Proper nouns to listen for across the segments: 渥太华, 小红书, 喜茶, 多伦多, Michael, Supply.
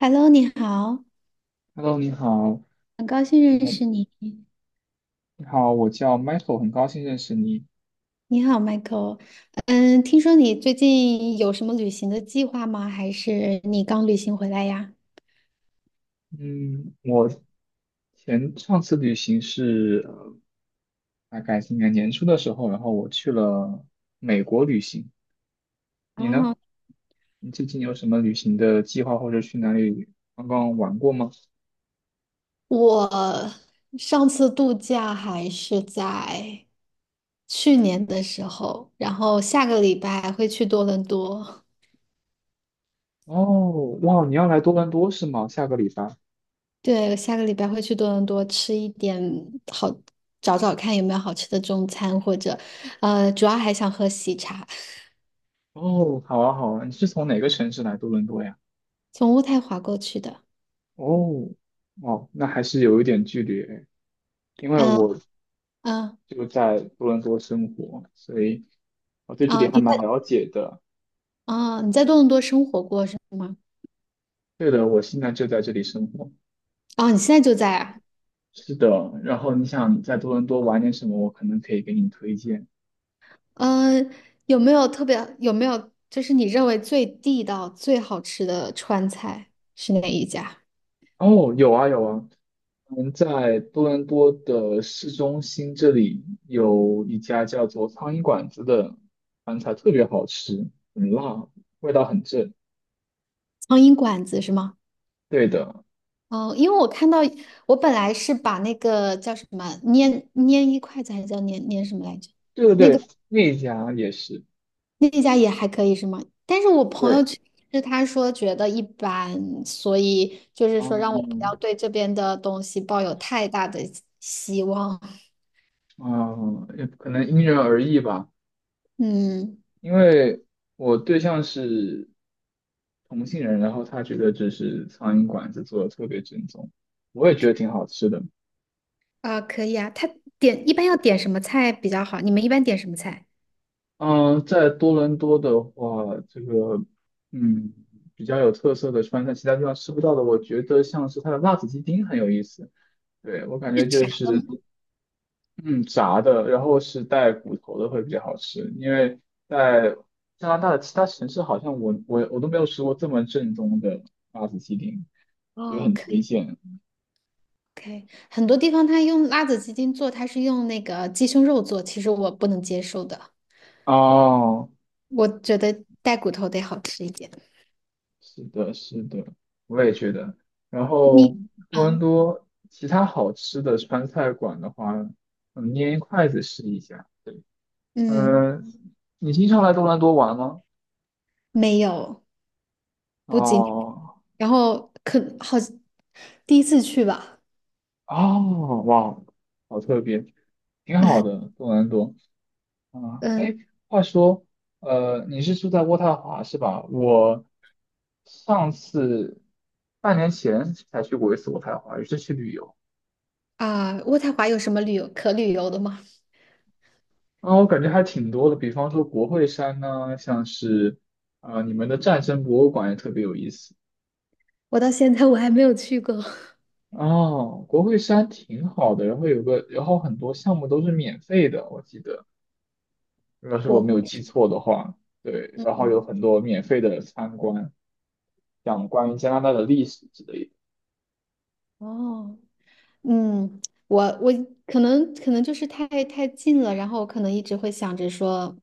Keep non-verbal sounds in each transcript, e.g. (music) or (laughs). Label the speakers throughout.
Speaker 1: Hello，你好，
Speaker 2: OK，Hello，你好，
Speaker 1: 很高兴认
Speaker 2: 呃，
Speaker 1: 识你。
Speaker 2: 你好，我叫 Michael，很高兴认识你。
Speaker 1: 你好，Michael。听说你最近有什么旅行的计划吗？还是你刚旅行回来呀？
Speaker 2: 嗯，我上次旅行是大概今年年初的时候，然后我去了美国旅行。你
Speaker 1: 哦，
Speaker 2: 呢？你最近有什么旅行的计划，或者去哪里刚刚玩过吗？
Speaker 1: 我上次度假还是在去年的时候，然后下个礼拜会去多伦多。
Speaker 2: 哦，哇，你要来多伦多是吗？下个礼拜。
Speaker 1: 对，下个礼拜会去多伦多吃一点好，找找看有没有好吃的中餐，或者，主要还想喝喜茶，
Speaker 2: 哦，好啊，好啊，你是从哪个城市来多伦多呀？
Speaker 1: 从渥太华过去的。
Speaker 2: 哦，哦，那还是有一点距离诶，因为
Speaker 1: 嗯
Speaker 2: 我
Speaker 1: 嗯，
Speaker 2: 就在多伦多生活，所以我对这
Speaker 1: 啊，
Speaker 2: 里还
Speaker 1: 你在
Speaker 2: 蛮了解的。
Speaker 1: 啊，你在多伦多生活过是吗？
Speaker 2: 对的，我现在就在这里生活。
Speaker 1: 啊，你现在就在啊？
Speaker 2: 是的，然后你想在多伦多玩点什么，我可能可以给你推荐。
Speaker 1: 嗯，有没有就是你认为最地道、最好吃的川菜是哪一家？
Speaker 2: 哦，有啊有啊，嗯，在多伦多的市中心这里有一家叫做苍蝇馆子的饭菜，特别好吃，很辣，味道很正。
Speaker 1: 苍蝇馆子是吗？
Speaker 2: 对的，
Speaker 1: 哦，因为我看到我本来是把那个叫什么粘粘一筷子还是叫粘粘什么来着？
Speaker 2: 对
Speaker 1: 那
Speaker 2: 对
Speaker 1: 个。
Speaker 2: 对，那一家也是。
Speaker 1: 那家也还可以是吗？但是我朋友
Speaker 2: 对，
Speaker 1: 去吃，他说觉得一般，所以就是说让我不要
Speaker 2: 嗯
Speaker 1: 对这边的东西抱有太大的希望。
Speaker 2: 嗯，也可能因人而异吧。
Speaker 1: 嗯，
Speaker 2: 因为我对象是同性人，然后他觉得就是苍蝇馆子做的特别正宗，我也觉得挺好吃的。
Speaker 1: 啊、可以啊。他点一般要点什么菜比较好？你们一般点什么菜？
Speaker 2: 嗯，在多伦多的话，这个嗯比较有特色的川菜，其他地方吃不到的，我觉得像是它的辣子鸡丁很有意思。对，我感
Speaker 1: 是
Speaker 2: 觉就
Speaker 1: 炸的
Speaker 2: 是
Speaker 1: 吗？
Speaker 2: 嗯炸的，然后是带骨头的会比较好吃，因为在加拿大的其他城市好像我都没有吃过这么正宗的辣子鸡丁。也
Speaker 1: 哦，
Speaker 2: 很
Speaker 1: 可
Speaker 2: 推
Speaker 1: 以
Speaker 2: 荐。
Speaker 1: 可以。很多地方他用辣子鸡丁做，他是用那个鸡胸肉做，其实我不能接受的。
Speaker 2: 哦，
Speaker 1: 我觉得带骨头得好吃一点。
Speaker 2: 是的，是的，我也觉得。然后
Speaker 1: 你，
Speaker 2: 多伦
Speaker 1: 嗯
Speaker 2: 多其他好吃的川菜馆的话，嗯，捏一筷子试一下。对，
Speaker 1: 嗯，
Speaker 2: 嗯，你经常来多伦多玩吗？
Speaker 1: 没有，不仅。
Speaker 2: 哦，
Speaker 1: 然后可好，第一次去吧，
Speaker 2: 哦，哇，好特别，挺好的，多伦多。啊，
Speaker 1: 嗯
Speaker 2: 哎，话说，你是住在渥太华是吧？我上次半年前才去过一次渥太华，也是去旅游。
Speaker 1: 渥太华有什么旅游可旅游的吗？
Speaker 2: 啊，我感觉还挺多的，比方说国会山呢，像是你们的战争博物馆也特别有意思。
Speaker 1: 我到现在我还没有去过
Speaker 2: 哦，国会山挺好的，然后有个，然后很多项目都是免费的，我记得，如果
Speaker 1: (laughs)
Speaker 2: 是我没
Speaker 1: 国，
Speaker 2: 有记错的话，对，然
Speaker 1: 嗯
Speaker 2: 后有很多免费的参观，讲关于加拿大的历史之类的。
Speaker 1: 哦，嗯，我可能就是太近了，然后我可能一直会想着说，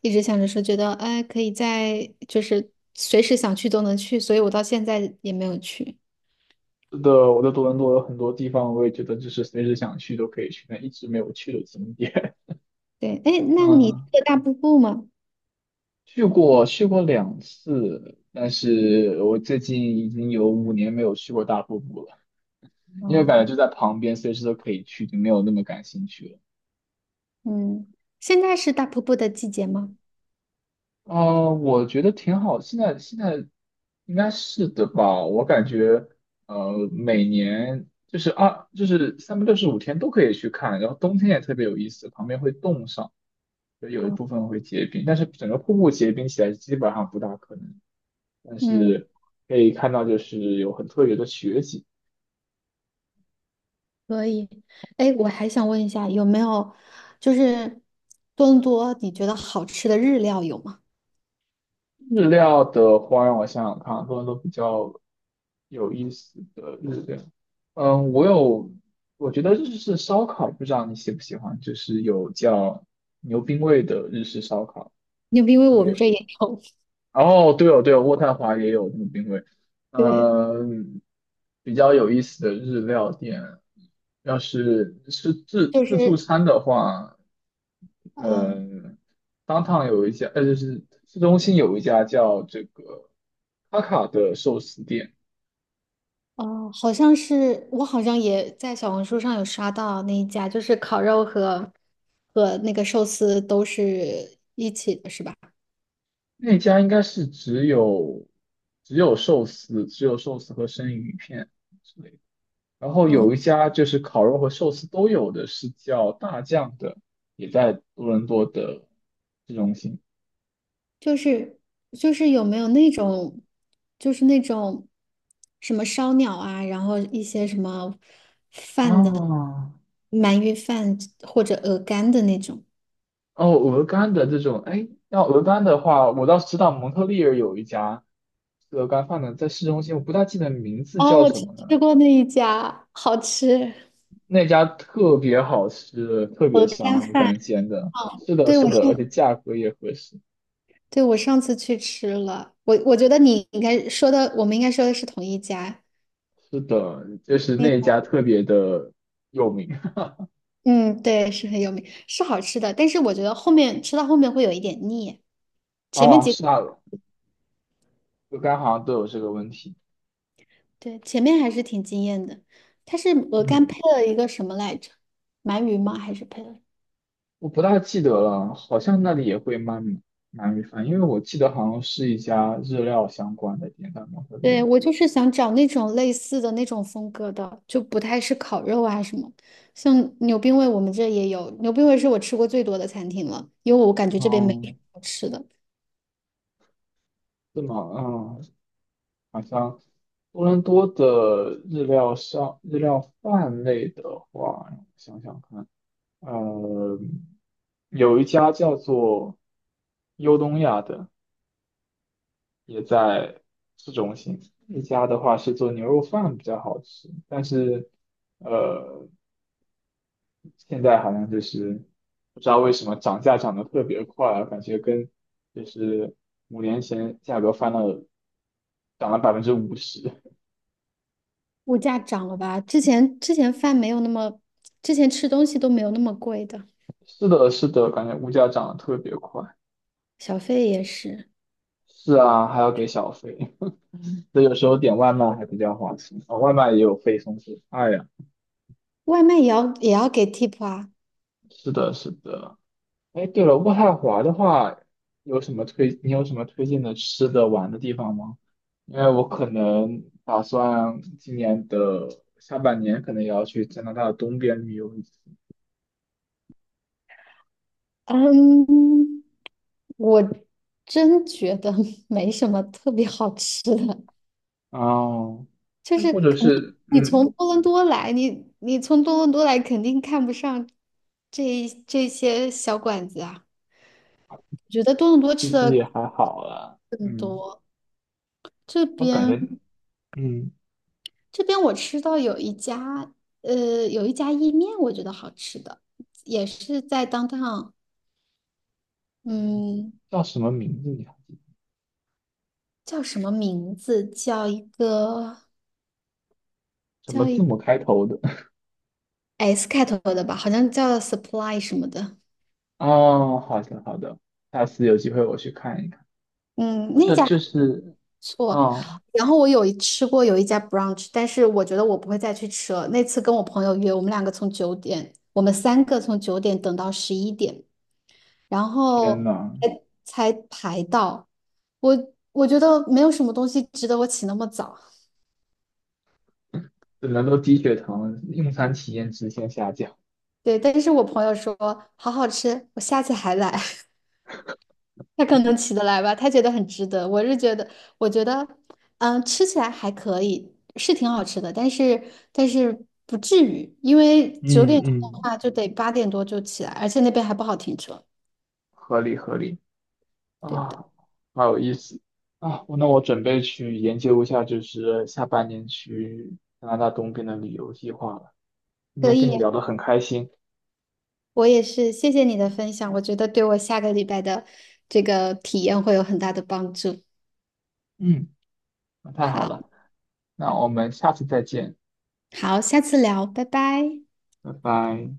Speaker 1: 一直想着说，觉得哎可以在就是随时想去都能去，所以我到现在也没有去。
Speaker 2: 是的，我在多伦多有很多地方，我也觉得就是随时想去都可以去，但一直没有去的景点。
Speaker 1: 对，哎，
Speaker 2: (laughs)
Speaker 1: 那你去
Speaker 2: 嗯，
Speaker 1: 了大瀑布吗？
Speaker 2: 去过2次，但是我最近已经有五年没有去过大瀑布了，因为
Speaker 1: 哦，
Speaker 2: 感觉就在旁边，随时都可以去，就没有那么感兴趣了。
Speaker 1: 嗯，现在是大瀑布的季节吗？
Speaker 2: 我觉得挺好，现在应该是的吧，我感觉每年就是二就是365天都可以去看，然后冬天也特别有意思，旁边会冻上，就有一
Speaker 1: 哦，
Speaker 2: 部分会结冰，但是整个瀑布结冰起来基本上不大可能，但
Speaker 1: 嗯。
Speaker 2: 是。可以看到，就是有很特别的雪景。
Speaker 1: 可以，哎，我还想问一下，有没有就是多伦多你觉得好吃的日料有吗？
Speaker 2: 日料的话，让我想想看，多伦多比较有意思的日料。嗯，我有，我觉得日式烧烤，不知道你喜不喜欢，就是有叫牛冰味的日式烧烤。
Speaker 1: (laughs) 因为
Speaker 2: 特
Speaker 1: 我
Speaker 2: 别
Speaker 1: 们
Speaker 2: 有
Speaker 1: 这
Speaker 2: 意
Speaker 1: 也
Speaker 2: 思。
Speaker 1: 有，
Speaker 2: 哦，对哦，对哦，渥太华也有这个冰柜。
Speaker 1: (laughs) 对，
Speaker 2: 嗯，比较有意思的日料店，要是是自
Speaker 1: 就
Speaker 2: 自助
Speaker 1: 是
Speaker 2: 餐的话，
Speaker 1: 嗯
Speaker 2: 嗯，有一家，就是市中心有一家叫这个卡卡的寿司店，
Speaker 1: 哦，好像好像也在小红书上有刷到那一家，就是烤肉和那个寿司都是一起的，是吧？
Speaker 2: 那家应该是只有寿司，只有寿司和生鱼片。然后
Speaker 1: 嗯。
Speaker 2: 有一家就是烤肉和寿司都有的，是叫大酱的，也在多伦多的市中心。
Speaker 1: 就是就是有没有那种，就是那种什么烧鸟啊，然后一些什么饭的
Speaker 2: 哦，
Speaker 1: 鳗鱼饭或者鹅肝的那种。
Speaker 2: 哦，鹅肝的这种，哎，要鹅肝的话，我倒是知道蒙特利尔有一家吃鹅肝饭的，在市中心，我不大记得名字
Speaker 1: 哦，
Speaker 2: 叫
Speaker 1: 我
Speaker 2: 什么
Speaker 1: 吃
Speaker 2: 了。
Speaker 1: 过那一家，好吃，
Speaker 2: 那家特别好吃，特别
Speaker 1: 鹅肝
Speaker 2: 香，鹅
Speaker 1: 饭。
Speaker 2: 肝煎的。
Speaker 1: 哦，
Speaker 2: 是的，
Speaker 1: 对，
Speaker 2: 是的，而且价格也合适。
Speaker 1: 对，我上次去吃了，我觉得你应该说的，我们应该说的是同一家。
Speaker 2: 是的，就是
Speaker 1: 嗯
Speaker 2: 那家特别的有名
Speaker 1: 嗯，对，是很有名，是好吃的，但是我觉得后面吃到后面会有一点腻，前面
Speaker 2: 哦 (laughs)，
Speaker 1: 几。
Speaker 2: 是啊，鹅肝好像都有这个问题。
Speaker 1: 对，前面还是挺惊艳的。它是鹅肝
Speaker 2: 嗯，
Speaker 1: 配了一个什么来着？鳗鱼吗？还是配了？
Speaker 2: 我不大记得了，好像那里也会卖鳗鱼饭，因为我记得好像是一家日料相关的店在蒙特利
Speaker 1: 对，
Speaker 2: 尔。
Speaker 1: 我就是想找那种类似的那种风格的，就不太是烤肉啊什么。像牛冰味，我们这也有。牛冰味是我吃过最多的餐厅了，因为我感觉这边没什么
Speaker 2: 嗯，
Speaker 1: 好吃的。
Speaker 2: 是吗？嗯，好像多伦多的日料上日料饭类的话，让我想想看，呃，有一家叫做优东亚的，也在市中心。一家的话是做牛肉饭比较好吃，但是。呃。现在好像就是不知道为什么涨价涨得特别快啊，感觉跟就是5年前价格翻了，涨了50%。(laughs)
Speaker 1: 物价涨了吧？之前饭没有那么，之前吃东西都没有那么贵的，
Speaker 2: 是的，是的，感觉物价涨得特别快。
Speaker 1: 小费也是，
Speaker 2: 是啊，还要给小费，(laughs) 所以有时候点外卖还比较划算，哦，外卖也有配送费。哎呀，
Speaker 1: 外卖也要给 tip 啊。
Speaker 2: 是的，是的。哎，对了，渥太华的话，有什么推？你有什么推荐的吃的、玩的地方吗？因为我可能打算今年的下半年可能也要去加拿大的东边旅游一次。
Speaker 1: 嗯，我真觉得 (laughs) 没什么特别好吃的，
Speaker 2: 哦，
Speaker 1: 就
Speaker 2: 那
Speaker 1: 是
Speaker 2: 或者
Speaker 1: 肯定
Speaker 2: 是，嗯，
Speaker 1: 你从多伦多来肯定看不上这些小馆子啊。我觉得多伦多
Speaker 2: 其
Speaker 1: 吃
Speaker 2: 实也
Speaker 1: 的
Speaker 2: 还好啦。
Speaker 1: 更
Speaker 2: 嗯，
Speaker 1: 多，这
Speaker 2: 我感
Speaker 1: 边
Speaker 2: 觉，嗯，
Speaker 1: 这边我吃到有一家意面，我觉得好吃的，也是在当当，
Speaker 2: 嗯
Speaker 1: 嗯，
Speaker 2: 叫什么名字你还记得？
Speaker 1: 叫什么名字？叫一个
Speaker 2: 什么
Speaker 1: 叫一
Speaker 2: 字
Speaker 1: 个
Speaker 2: 母开头的？
Speaker 1: S 开头的吧，好像叫 Supply 什么的。
Speaker 2: (laughs) 哦，好的好的，下次有机会我去看一看。
Speaker 1: 嗯，
Speaker 2: 或
Speaker 1: 那
Speaker 2: 者
Speaker 1: 家还
Speaker 2: 就
Speaker 1: 不
Speaker 2: 是，
Speaker 1: 错。
Speaker 2: 嗯，
Speaker 1: 然后我吃过有一家 brunch，但是我觉得我不会再去吃了。那次跟我朋友约，我们两个从九点，我们三个从九点等到11点，然
Speaker 2: 天
Speaker 1: 后
Speaker 2: 呐！
Speaker 1: 才排到。我觉得没有什么东西值得我起那么早。
Speaker 2: 只能都低血糖，用餐体验直线下降，
Speaker 1: 对，但是我朋友说好好吃，我下次还来。他可能起得来吧，他觉得很值得。我觉得，吃起来还可以，是挺好吃的，但是不至于，因为九点
Speaker 2: 嗯
Speaker 1: 钟的
Speaker 2: 嗯，
Speaker 1: 话就得8点多就起来，而且那边还不好停车。
Speaker 2: 合理合理
Speaker 1: 对的，
Speaker 2: 啊，好有意思啊！那我准备去研究一下，就是下半年去加拿大东边的旅游计划了。今
Speaker 1: 可
Speaker 2: 天
Speaker 1: 以
Speaker 2: 跟你
Speaker 1: 呀，
Speaker 2: 聊得很开心，
Speaker 1: 我也是，谢谢你的分享，我觉得对我下个礼拜的这个体验会有很大的帮助。
Speaker 2: 嗯，那太好
Speaker 1: 好，
Speaker 2: 了，那我们下次再见，
Speaker 1: 好，下次聊，拜拜。
Speaker 2: 拜拜。